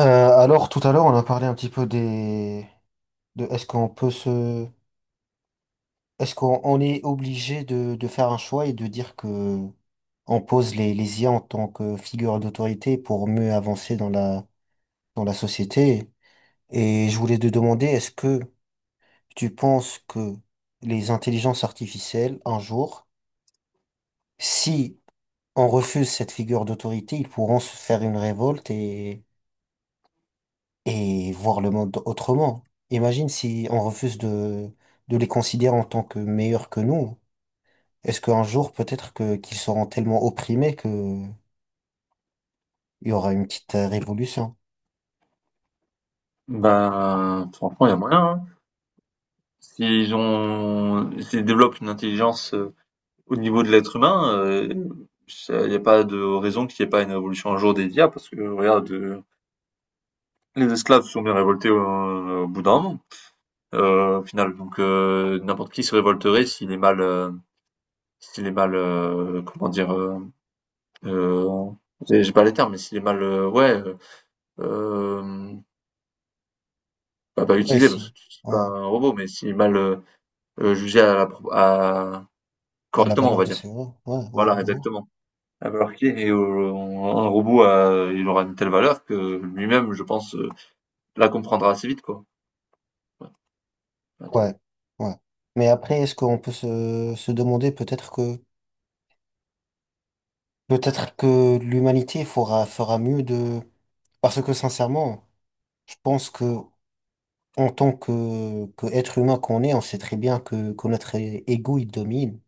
Euh, alors, tout à l'heure, on a parlé un petit peu de Est-ce qu'on on est obligé de faire un choix et de dire que on pose les IA en tant que figure d'autorité pour mieux avancer dans la société? Et je voulais te demander, est-ce que tu penses que les intelligences artificielles, un jour, si on refuse cette figure d'autorité, ils pourront se faire une révolte et voir le monde autrement. Imagine si on refuse de les considérer en tant que meilleurs que nous. Est-ce qu'un jour, peut-être que qu'ils seront tellement opprimés que il y aura une petite révolution? Bah, franchement, il y a moyen, hein. S'ils développent une intelligence au niveau de l'être humain, il n'y a pas de raison qu'il n'y ait pas une révolution un jour des IA, parce que regarde, les esclaves se sont bien révoltés au, bout d'un moment, au final. Donc n'importe qui se révolterait s'il est mal, comment dire, euh, j'ai pas les termes, mais s'il est mal, ouais, euh, pas, pas Ouais, utilisé, parce si. que tu dis pas Ouais. un robot, mais s'il est mal jugé à la, à, À la correctement, on valeur va de dire. ces mots. Ouais, ouais, Voilà, de ouf. exactement. La valeur clé et un robot il aura une telle valeur que lui-même, je pense, la comprendra assez vite, quoi. Ouais, attends. Ouais, ouais. Mais après, est-ce qu'on peut se demander peut-être que l'humanité fera mieux de parce que sincèrement, je pense que en tant que être humain qu'on est, on sait très bien que notre ego, il domine.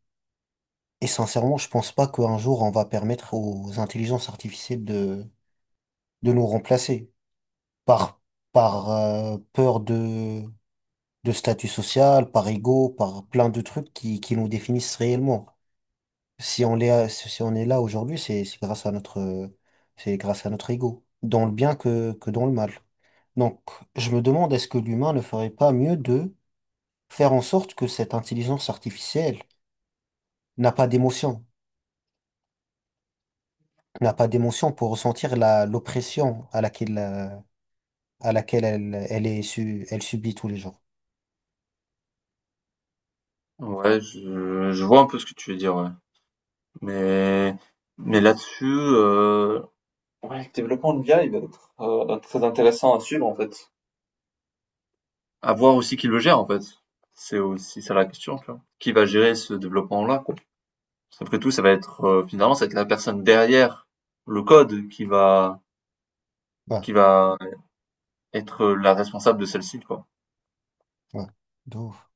Et sincèrement, je pense pas qu'un jour, on va permettre aux intelligences artificielles de nous remplacer par, par peur de statut social, par ego, par plein de trucs qui nous définissent réellement. Si on est, si on est là aujourd'hui, c'est grâce à notre, c'est grâce à notre ego, dans le bien que dans le mal. Donc, je me demande, est-ce que l'humain ne ferait pas mieux faire en sorte que cette intelligence artificielle n'a pas d'émotion, n'a pas d'émotion pour ressentir l'oppression à laquelle à laquelle elle est elle subit tous les jours. Ouais, je vois un peu ce que tu veux dire, ouais. Mais, mais là-dessus, ouais, le développement de l'IA, il va être très intéressant à suivre, en fait. À voir aussi qui le gère, en fait. C'est aussi ça la question, tu vois. Qui va gérer ce développement-là, quoi. Après tout, ça va être, finalement, ça va être la personne derrière le code Ouais, qui va être la responsable de celle-ci, quoi. ouais, de ouf.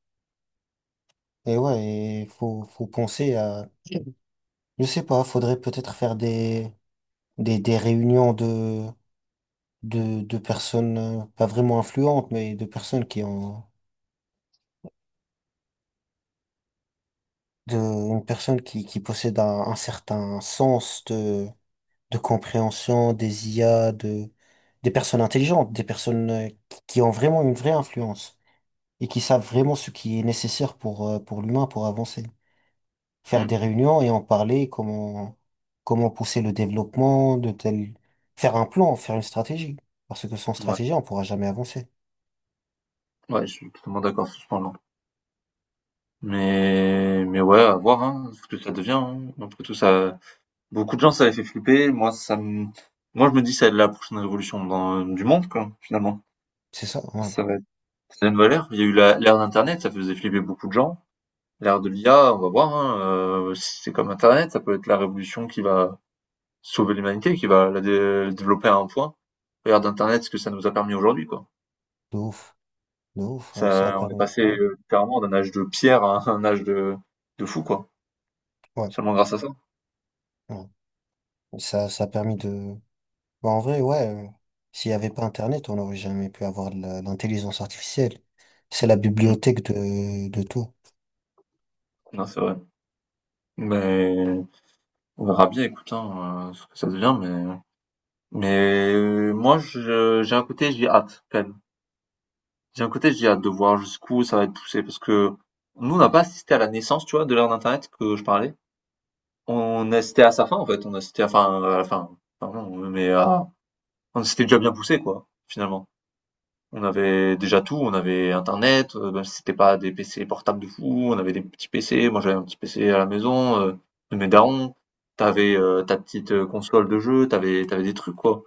Et ouais, il faut penser à, je sais pas, faudrait peut-être faire des réunions de personnes, pas vraiment influentes, mais de personnes qui ont, de, une personne qui possède un certain sens de compréhension des IA, de, des personnes intelligentes, des personnes qui ont vraiment une vraie influence et qui savent vraiment ce qui est nécessaire pour l'humain pour avancer. Faire Mmh. des réunions et en parler, comment, comment pousser le développement de tel, faire un plan, faire une stratégie. Parce que sans Ouais, stratégie, on pourra jamais avancer. ouais, je suis totalement d'accord sur ce point-là. Mais ouais, à voir, hein, ce que ça devient. Hein. Après tout, ça, beaucoup de gens, ça les fait flipper. Moi, je me dis, ça va être la prochaine révolution du monde, quoi, finalement. C'est ça, ouais. Ça va être, ça a une valeur. Il y a eu l'ère d'Internet, ça faisait flipper beaucoup de gens. L'ère de l'IA, on va voir, hein, si c'est comme Internet, ça peut être la révolution qui va sauver l'humanité, qui va la développer à un point. L'ère d'Internet, ce que ça nous a permis aujourd'hui, quoi. De ouf, de ouf, ouais, ça a Ça, on est permis, passé ouais, littéralement d'un âge de pierre à un âge de fou, quoi. ouais. Seulement grâce à ça. Ouais. Ça a permis de, bah, en vrai, ouais, s'il n'y avait pas Internet, on n'aurait jamais pu avoir l'intelligence artificielle. C'est la Mm. bibliothèque de tout. Non, c'est vrai. Mais on verra bien, écoute, hein, ce que ça devient. Mais moi, j'ai un côté, j'ai hâte, quand même. J'ai un côté, j'ai hâte de voir jusqu'où ça va être poussé. Parce que nous, on n'a pas assisté à la naissance, tu vois, de l'ère d'Internet que je parlais. On assistait à sa fin, en fait. On assistait à, enfin, à la fin. Enfin, non, mais on s'était déjà bien poussé, quoi, finalement. On avait déjà tout, on avait internet, même si c'était pas des PC portables de fou, on avait des petits PC. Moi, j'avais un petit PC à la maison, de mes darons. T'avais avais, ta petite, console de jeu, t'avais des trucs, quoi.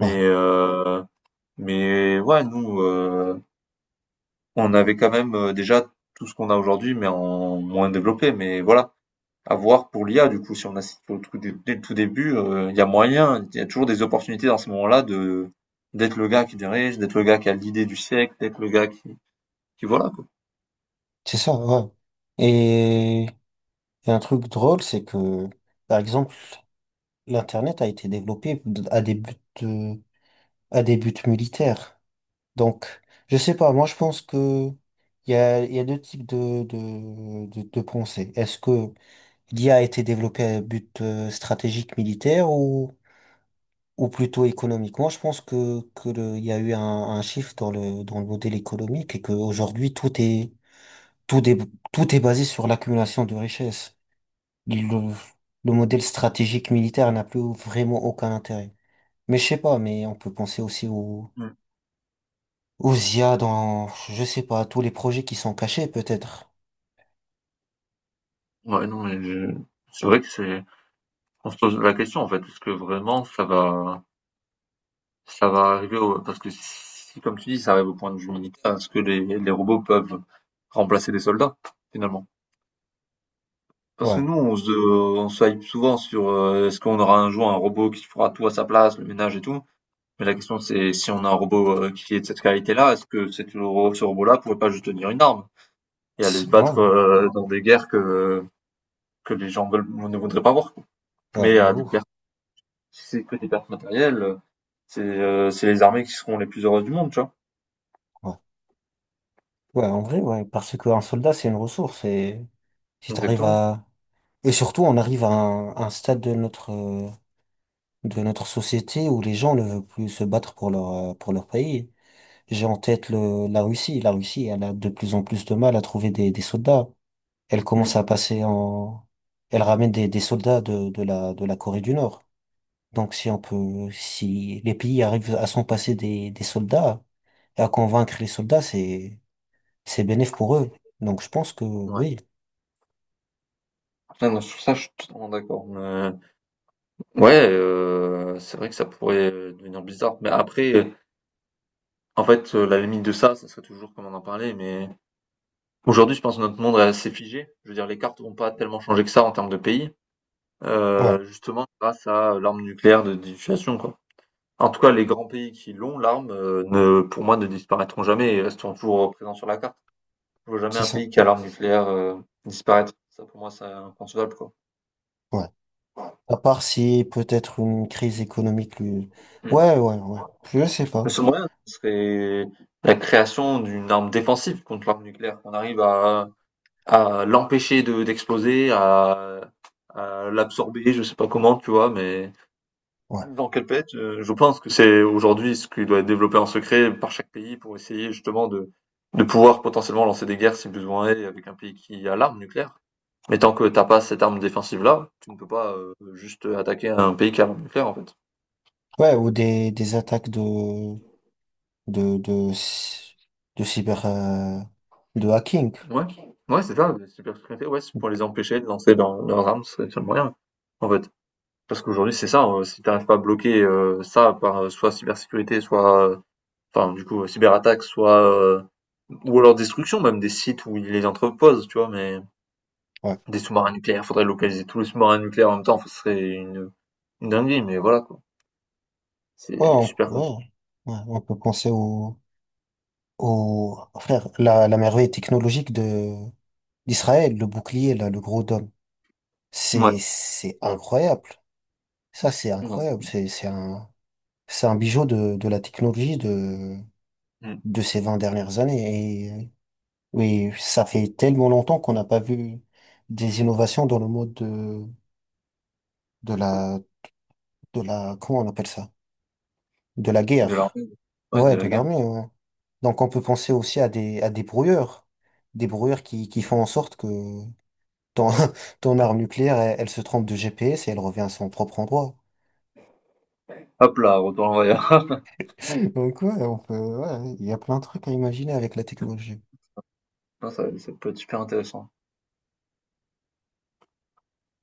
Ouais, heu, mais ouais, nous, on avait quand même, déjà tout ce qu'on a aujourd'hui, mais en moins développé. Mais voilà, à voir pour l'IA, du coup, si on assiste au tout dé dès le tout début, il y a moyen, il y a toujours des opportunités dans ce moment là de d'être le gars qui dirige, d'être le gars qui a l'idée du siècle, d'être le gars qui puis voilà, quoi. c'est ça, ouais. Et, et un truc drôle, c'est que, par exemple, l'Internet a été développé euh, à des buts militaires. Donc, je sais pas, moi je pense que il y a deux types de pensée. Est-ce que l'IA a été développée à but stratégique militaire ou plutôt économique? Moi je pense que le, il y a eu un shift dans le modèle économique et qu'aujourd'hui tout est, tout est basé sur l'accumulation de richesses. Le, le modèle stratégique militaire n'a plus vraiment aucun intérêt. Mais je sais pas, mais on peut penser aussi au Mmh. Ou Zia dans, je sais pas, tous les projets qui sont cachés, peut-être. Ouais, non, mais je c'est vrai que c'est on se pose la question, en fait. Est-ce que vraiment ça va arriver au parce que si, comme tu dis, ça arrive au point de vue militaire, est-ce que les robots peuvent remplacer des soldats, finalement? Parce que Ouais. nous, on se hype souvent sur est-ce qu'on aura un jour un robot qui fera tout à sa place, le ménage et tout. Mais la question, c'est si on a un robot qui est de cette qualité-là, est-ce que ce robot-là pourrait pas juste tenir une arme et aller se C'est- ouais, battre dans des guerres que les gens ne voudraient pas voir, quoi. ouais, Mais de à des ouf. Si c'est que des pertes matérielles, c'est les armées qui seront les plus heureuses du monde, tu vois? Ouais. Ouais, en vrai, ouais, parce qu'un soldat, c'est une ressource et si t'arrives Exactement. à, et surtout, on arrive à un stade de notre société où les gens ne veulent plus se battre pour leur pays. J'ai en tête le, la Russie. La Russie, elle a de plus en plus de mal à trouver des soldats. Elle commence Mmh. à passer en, elle ramène des soldats de la Corée du Nord. Donc si on peut, si les pays arrivent à s'en passer des soldats et à convaincre les soldats, c'est bénéf pour eux. Donc je pense que Ouais. oui. Ah non, sur ça, je suis totalement d'accord, mais ouais, c'est vrai que ça pourrait, devenir bizarre, mais après, en fait, la limite de ça, ça serait toujours comme on en parlait, mais aujourd'hui, je pense que notre monde est assez figé. Je veux dire, les cartes vont pas tellement changer que ça en termes de pays, Ouais, justement grâce à l'arme nucléaire de dissuasion, quoi. En tout cas, les grands pays qui l'ont, l'arme, ne pour moi, ne disparaîtront jamais et resteront toujours présents sur la carte. Je vois jamais c'est un ça. pays qui a l'arme nucléaire, disparaître. Ça, pour moi, c'est inconcevable, quoi. Ouais. À part si peut-être une crise économique lui... Mmh. Ouais, ouais, ouais. Je sais Le pas. seul moyen, ce serait la création d'une arme défensive contre l'arme nucléaire, qu'on arrive à l'empêcher de d'exploser, à l'absorber, je sais pas comment, tu vois? Mais Ouais. dans quel planète, je pense que c'est aujourd'hui ce qui doit être développé en secret par chaque pays pour essayer justement de pouvoir potentiellement lancer des guerres si besoin est avec un pays qui a l'arme nucléaire. Mais tant que t'as pas cette arme défensive-là, tu ne peux pas juste attaquer un pays qui a l'arme nucléaire, en fait. Ouais, ou des attaques de, de, cy- de cyber, de hacking. Ouais, ouais, c'est ça, les super secrétaires, ouais, c'est pour les empêcher de lancer dans leurs armes, c'est le seul moyen, en fait. Parce qu'aujourd'hui, c'est ça, si t'arrives pas à bloquer ça par soit cybersécurité, soit, enfin, du coup, cyberattaque, soit, ou alors destruction, même des sites où ils les entreposent, tu vois, mais Ouais. des sous-marins nucléaires, faudrait localiser tous les sous-marins nucléaires en même temps, ce serait une dinguerie, mais voilà, quoi. Ouais, C'est on, super compliqué. ouais, ouais, on peut penser au, au, frère, la merveille technologique de, d'Israël, le bouclier, là, le gros dôme. Ouais. C'est incroyable. Ça, c'est Non, c'est- incroyable. C'est un bijou de la technologie Mm. de ces 20 dernières années. Et oui, ça fait tellement longtemps qu'on n'a pas vu des innovations dans le mode de la, de la, comment on appelle ça? De la De la, guerre. ouais, Ouais, de de la guerre. l'armée, ouais. Donc on peut penser aussi à des brouilleurs qui font en sorte que ton, ton arme nucléaire, elle se trompe de GPS et elle revient à son propre endroit. Hop là, retour en arrière. Donc ouais, on peut, ouais, il y a plein de trucs à imaginer avec la technologie. ça, ça peut être super intéressant.